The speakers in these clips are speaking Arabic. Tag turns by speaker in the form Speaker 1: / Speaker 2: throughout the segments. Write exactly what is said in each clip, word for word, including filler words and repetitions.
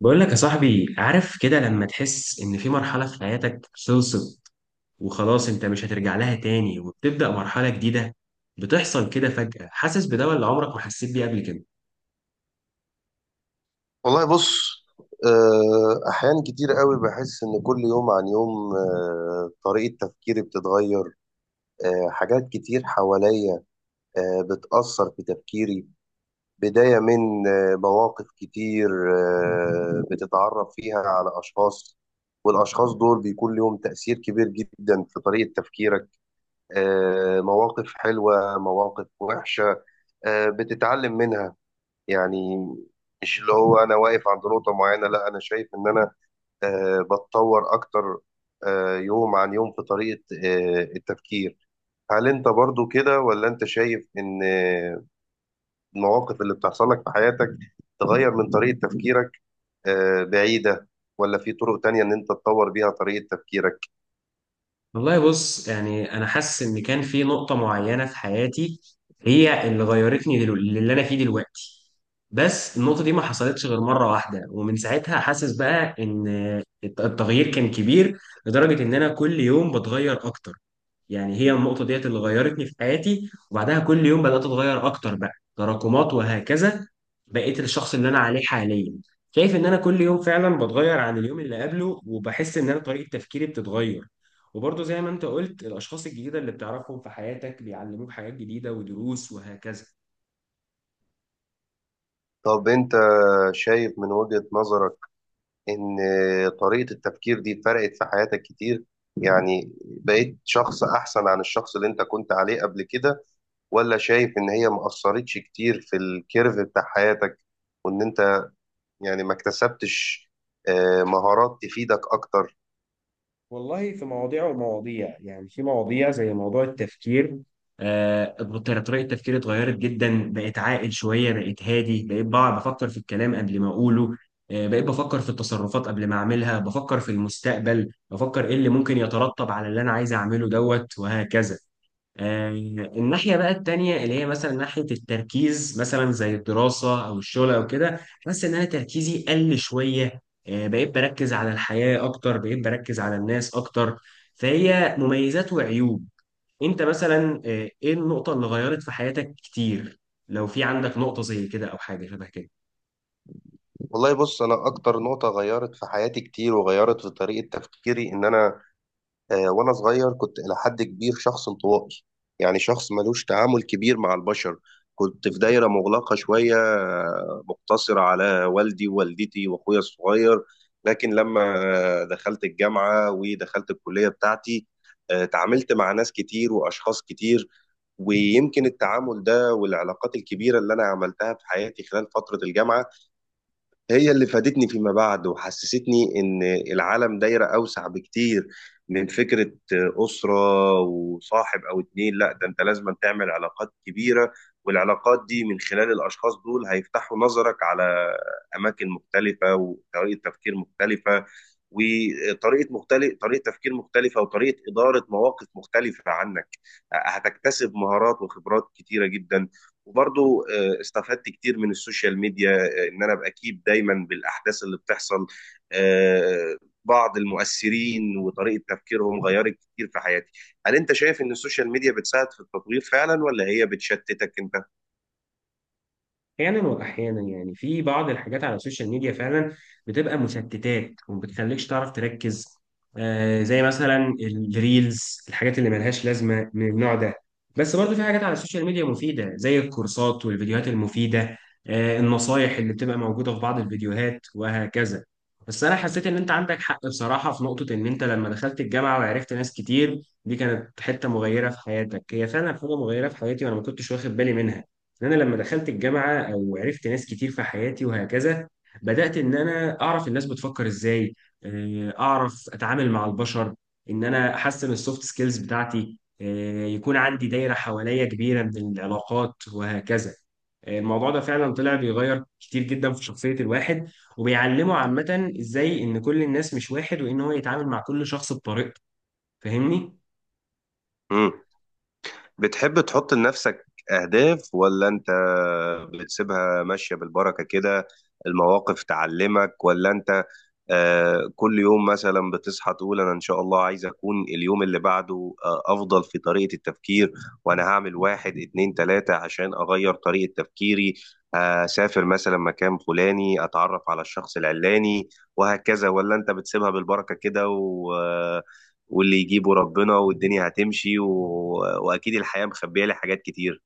Speaker 1: بقول لك يا صاحبي، عارف كده لما تحس ان في مرحلة في حياتك خلصت وخلاص انت مش هترجع لها تاني وبتبدأ مرحلة جديدة. بتحصل كده فجأة، حاسس بده اللي عمرك ما حسيت بيه قبل كده.
Speaker 2: والله بص. آه، أحيان كتير قوي بحس إن كل يوم عن يوم، آه، طريقة تفكيري بتتغير. آه، حاجات كتير حواليا آه، بتأثر في تفكيري، بداية من آه، مواقف كتير آه، بتتعرف فيها على أشخاص، والأشخاص دول بيكون لهم تأثير كبير جدا في طريقة تفكيرك. آه، مواقف حلوة مواقف وحشة آه، بتتعلم منها، يعني مش اللي هو أنا واقف عند نقطة معينة، لا أنا شايف إن أنا آه، بتطور أكتر آه، يوم عن يوم في طريقة آه، التفكير. هل أنت برضو كده ولا أنت شايف إن آه، المواقف اللي بتحصل لك في حياتك تغير من طريقة تفكيرك آه، بعيدة، ولا في طرق تانية إن أنت تطور بيها طريقة تفكيرك؟
Speaker 1: والله بص، يعني انا حاسس ان كان في نقطة معينة في حياتي هي اللي غيرتني دلو... اللي انا فيه دلوقتي. بس النقطة دي ما حصلتش غير مرة واحدة، ومن ساعتها حاسس بقى ان الت- التغيير كان كبير لدرجة ان انا كل يوم بتغير اكتر. يعني هي النقطة ديت اللي غيرتني في حياتي، وبعدها كل يوم بدأت أتغير أكتر، بقى تراكمات وهكذا. بقيت الشخص اللي أنا عليه حاليا. شايف إن أنا كل يوم فعلا بتغير عن اليوم اللي قبله، وبحس إن أنا طريقة تفكيري بتتغير. وبرضه زي ما أنت قلت، الأشخاص الجديدة اللي بتعرفهم في حياتك بيعلموك حاجات جديدة ودروس وهكذا.
Speaker 2: طب أنت شايف من وجهة نظرك إن آه، طريقة التفكير دي فرقت في حياتك كتير؟ يعني بقيت شخص أحسن عن الشخص اللي أنت كنت عليه قبل كده، ولا شايف ان هي ما اثرتش كتير في الكيرف بتاع حياتك وان انت يعني ما اكتسبتش آه، مهارات تفيدك اكتر؟
Speaker 1: والله في مواضيع ومواضيع، يعني في مواضيع زي موضوع التفكير. آه طريقة تفكيري اتغيرت جدا، بقيت عاقل شوية، بقيت هادي، بقيت بقى بفكر في الكلام قبل ما أقوله. آه بقيت بفكر في التصرفات قبل ما أعملها، بفكر في المستقبل، بفكر إيه اللي ممكن يترتب على اللي أنا عايز أعمله دوت وهكذا. آه، الناحية بقى التانية اللي هي مثلا ناحية التركيز، مثلا زي الدراسة أو الشغل أو كده، بس إن أنا تركيزي قل شوية. آه، بقيت بركز على الحياة أكتر، بقيت بركز على الناس أكتر. فهي مميزات وعيوب. أنت مثلا، آه، إيه النقطة اللي غيرت في حياتك كتير؟ لو في عندك نقطة زي كده أو حاجة شبه كده.
Speaker 2: والله بص، انا اكتر نقطة غيرت في حياتي كتير وغيرت في طريقة تفكيري ان انا آه، وانا صغير كنت الى حد كبير شخص انطوائي، يعني شخص ملوش تعامل كبير مع البشر. كنت في دايرة مغلقة شوية، آه، مقتصرة على والدي ووالدتي واخويا الصغير. لكن لما آه، دخلت الجامعة ودخلت الكلية بتاعتي، آه، تعاملت مع ناس كتير واشخاص كتير، ويمكن التعامل ده والعلاقات الكبيرة اللي انا عملتها في حياتي خلال فترة الجامعة هي اللي فادتني فيما بعد وحسستني إن العالم دايرة أوسع بكتير من فكرة أسرة وصاحب أو اتنين. لا ده أنت لازم تعمل علاقات كبيرة، والعلاقات دي من خلال الأشخاص دول هيفتحوا نظرك على أماكن مختلفة وطريقة تفكير مختلفة، وطريقة مختلف طريقة تفكير مختلفة وطريقة إدارة مواقف مختلفة عنك. هتكتسب مهارات وخبرات كتيرة جدا. وبرضو آه، استفدت كتير من السوشيال ميديا، آه، ان انا ابقى اكيد دايما بالاحداث اللي بتحصل. آه، بعض المؤثرين وطريقة تفكيرهم غيرت كتير في حياتي. هل انت شايف ان السوشيال ميديا بتساعد في التطوير فعلا ولا هي بتشتتك انت؟
Speaker 1: احيانا واحيانا، يعني في بعض الحاجات على السوشيال ميديا فعلا بتبقى مشتتات وما بتخليكش تعرف تركز. آه، زي مثلا الريلز، الحاجات اللي ملهاش لازمه من النوع ده. بس برضو في حاجات على السوشيال ميديا مفيده، زي الكورسات والفيديوهات المفيده. آه، النصايح اللي بتبقى موجوده في بعض الفيديوهات وهكذا. بس انا حسيت ان انت عندك حق بصراحه في نقطه، ان انت لما دخلت الجامعه وعرفت ناس كتير دي كانت حته مغيره في حياتك. هي فعلا حاجه مغيره في حياتي وانا ما كنتش واخد بالي منها. ان انا لما دخلت الجامعه او عرفت ناس كتير في حياتي وهكذا، بدات ان انا اعرف الناس بتفكر ازاي. آه، اعرف اتعامل مع البشر. ان انا احسن السوفت سكيلز بتاعتي، آه، يكون عندي دايره حواليا كبيره من العلاقات وهكذا. آه، الموضوع ده فعلا طلع بيغير كتير جدا في شخصيه الواحد، وبيعلمه عامه ازاي ان كل الناس مش واحد، وان هو يتعامل مع كل شخص بطريقته. فاهمني.
Speaker 2: مم. بتحب تحط لنفسك اهداف ولا انت بتسيبها ماشية بالبركة كده؟ المواقف تعلمك ولا انت آه، كل يوم مثلا بتصحى تقول انا ان شاء الله عايز اكون اليوم اللي بعده آه، افضل في طريقة التفكير، وانا هعمل واحد اتنين تلاتة عشان اغير طريقة تفكيري، اسافر مثلا مكان فلاني اتعرف على الشخص العلاني وهكذا؟ ولا انت بتسيبها بالبركة كده و... آه، واللي يجيبه ربنا والدنيا هتمشي و... واكيد الحياة مخبية لي حاجات كتير.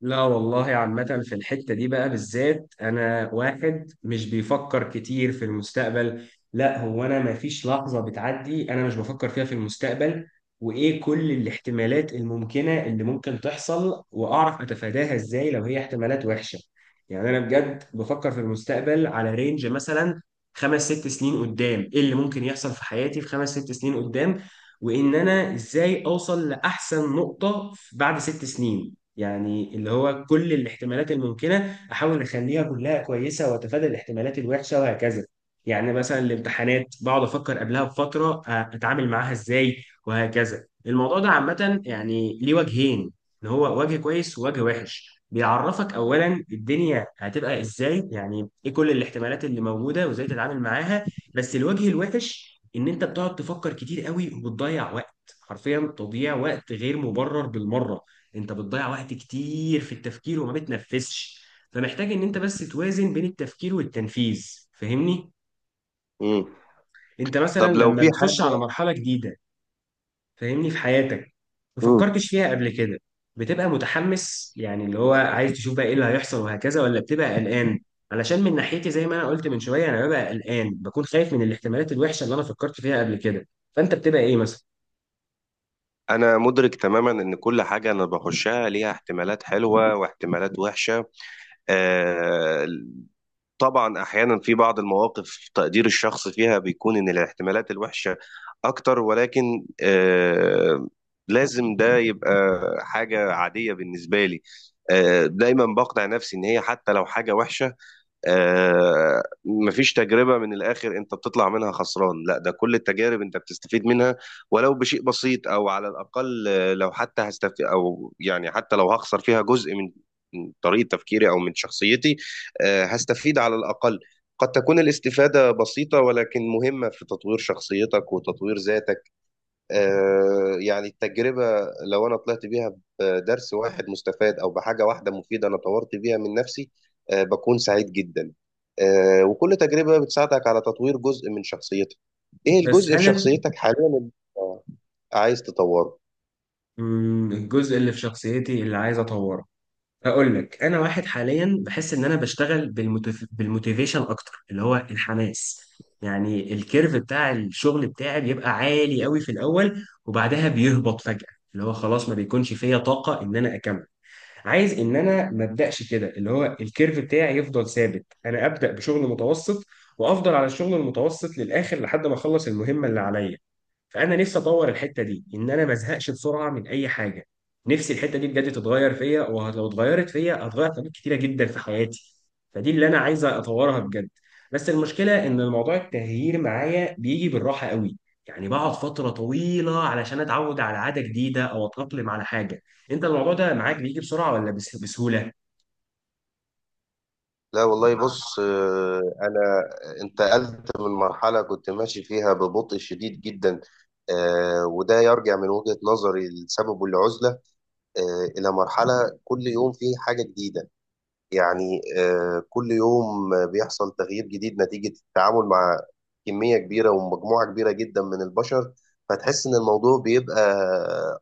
Speaker 1: لا والله عامة في الحتة دي بقى بالذات، أنا واحد مش بيفكر كتير في المستقبل. لا، هو أنا ما فيش لحظة بتعدي أنا مش بفكر فيها في المستقبل، وإيه كل الاحتمالات الممكنة اللي ممكن تحصل، وأعرف أتفاداها إزاي لو هي احتمالات وحشة. يعني أنا بجد بفكر في المستقبل على رينج مثلا خمس ست سنين قدام، إيه اللي ممكن يحصل في حياتي في خمس ست سنين قدام، وإن أنا إزاي أوصل لأحسن نقطة بعد ست سنين. يعني اللي هو كل الاحتمالات الممكنة أحاول أخليها كلها كويسة، وأتفادى الاحتمالات الوحشة وهكذا. يعني مثلا الامتحانات بقعد أفكر قبلها بفترة، آه، أتعامل معاها إزاي وهكذا. الموضوع ده عامة يعني ليه وجهين، إن هو وجه كويس ووجه وحش. بيعرفك أولا الدنيا هتبقى إزاي، يعني إيه كل الاحتمالات اللي موجودة وإزاي تتعامل معاها. بس الوجه الوحش إن أنت بتقعد تفكر كتير قوي وبتضيع وقت. حرفيا تضييع وقت غير مبرر بالمرة. انت بتضيع وقت كتير في التفكير وما بتنفذش. فمحتاج ان انت بس توازن بين التفكير والتنفيذ. فاهمني.
Speaker 2: مم.
Speaker 1: انت مثلا
Speaker 2: طب لو
Speaker 1: لما
Speaker 2: في
Speaker 1: بتخش على
Speaker 2: حاجة،
Speaker 1: مرحلة جديدة، فاهمني، في حياتك ما فكرتش فيها قبل كده، بتبقى متحمس، يعني اللي هو عايز تشوف بقى ايه اللي هيحصل وهكذا، ولا بتبقى قلقان؟ علشان من ناحيتي زي ما انا قلت من شوية، انا ببقى قلقان، بكون خايف من الاحتمالات الوحشة اللي انا فكرت فيها قبل كده. فانت بتبقى ايه مثلا؟
Speaker 2: أنا مدرك تماما إن كل حاجة أنا بخشها ليها احتمالات حلوة واحتمالات وحشة. آه، طبعا أحيانا في بعض المواقف تقدير الشخص فيها بيكون إن الاحتمالات الوحشة أكتر، ولكن آه، لازم ده يبقى حاجة عادية بالنسبة لي. آه، دايما بقنع نفسي إن هي حتى لو حاجة وحشة، آه، مفيش تجربة من الآخر أنت بتطلع منها خسران. لا ده كل التجارب أنت بتستفيد منها، ولو بشيء بسيط، أو على الأقل آه، لو حتى هستفيد، أو يعني حتى لو هخسر فيها جزء من من طريقة تفكيري أو من شخصيتي، آه، هستفيد على الأقل. قد تكون الاستفادة بسيطة ولكن مهمة في تطوير شخصيتك وتطوير ذاتك. آه، يعني التجربة لو أنا طلعت بيها بدرس واحد مستفاد أو بحاجة واحدة مفيدة أنا طورت بيها من نفسي، آه، بكون سعيد جدا. آه، وكل تجربة بتساعدك على تطوير جزء من شخصيتك. إيه
Speaker 1: بس
Speaker 2: الجزء في
Speaker 1: هل
Speaker 2: شخصيتك حاليا اللي أنت عايز تطوره؟
Speaker 1: مم، الجزء اللي في شخصيتي اللي عايز اطوره اقول لك. انا واحد حاليا بحس ان انا بشتغل بالموتيف... بالموتيفيشن اكتر، اللي هو الحماس. يعني الكيرف بتاع الشغل بتاعي بيبقى عالي قوي في الاول وبعدها بيهبط فجأة، اللي هو خلاص ما بيكونش فيا طاقة ان انا اكمل. عايز ان انا ما ابداش كده، اللي هو الكيرف بتاعي يفضل ثابت، انا ابدا بشغل متوسط وافضل على الشغل المتوسط للاخر لحد ما اخلص المهمة اللي عليا. فانا نفسي اطور الحته دي، ان انا ما ازهقش بسرعه من اي حاجه. نفسي الحته دي بجد تتغير فيا، ولو اتغيرت فيا هتغير حاجات كتيره جدا في حياتي. فدي اللي انا عايز اطورها بجد. بس المشكله ان الموضوع التغيير معايا بيجي بالراحه قوي. يعني بقعد فتره طويله علشان اتعود على عاده جديده او اتاقلم على حاجه. انت الموضوع ده معاك بيجي بسرعه ولا بس- بسهوله؟
Speaker 2: لا والله بص، آه، أنا انتقلت من مرحلة كنت ماشي فيها ببطء شديد جدا، آه، وده يرجع من وجهة نظري لسببه العزلة، آه، إلى مرحلة كل يوم فيه حاجة جديدة. يعني آه، كل يوم بيحصل تغيير جديد نتيجة التعامل مع كمية كبيرة ومجموعة كبيرة جدا من البشر، فتحس إن الموضوع بيبقى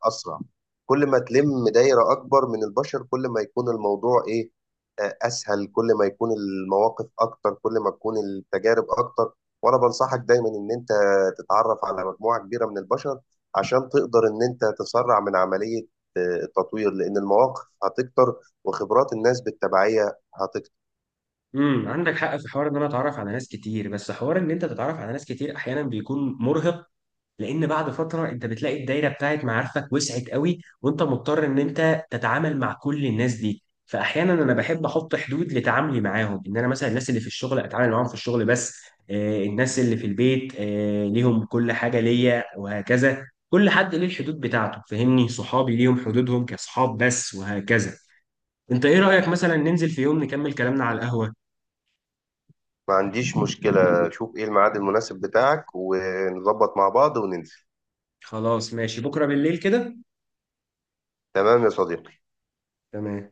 Speaker 2: أسرع. كل ما تلم دايرة أكبر من البشر كل ما يكون الموضوع إيه، آه، أسهل. كل ما يكون المواقف أكتر كل ما تكون التجارب أكتر. وأنا بنصحك دايما إن أنت تتعرف على مجموعة كبيرة من البشر عشان تقدر إن أنت تسرع من عملية آه، التطوير، لأن المواقف هتكتر وخبرات الناس بالتبعية هتكتر.
Speaker 1: امم، عندك حق في حوار ان انا اتعرف على ناس كتير، بس حوار ان انت تتعرف على ناس كتير احيانا بيكون مرهق. لان بعد فتره انت بتلاقي الدايره بتاعت معارفك وسعت قوي، وانت مضطر ان انت تتعامل مع كل الناس دي. فاحيانا انا بحب احط حدود لتعاملي معاهم، ان انا مثلا الناس اللي في الشغل اتعامل معاهم في الشغل بس. آه، الناس اللي في البيت، آه، ليهم كل حاجه ليا وهكذا. كل حد ليه الحدود بتاعته، فهمني، صحابي ليهم حدودهم كصحاب بس وهكذا. انت ايه رايك مثلا ننزل في يوم نكمل كلامنا على القهوه؟
Speaker 2: ما عنديش مشكلة، شوف ايه الميعاد المناسب بتاعك ونظبط مع بعض وننزل.
Speaker 1: خلاص ماشي، بكره بالليل كده.
Speaker 2: تمام يا صديقي.
Speaker 1: تمام.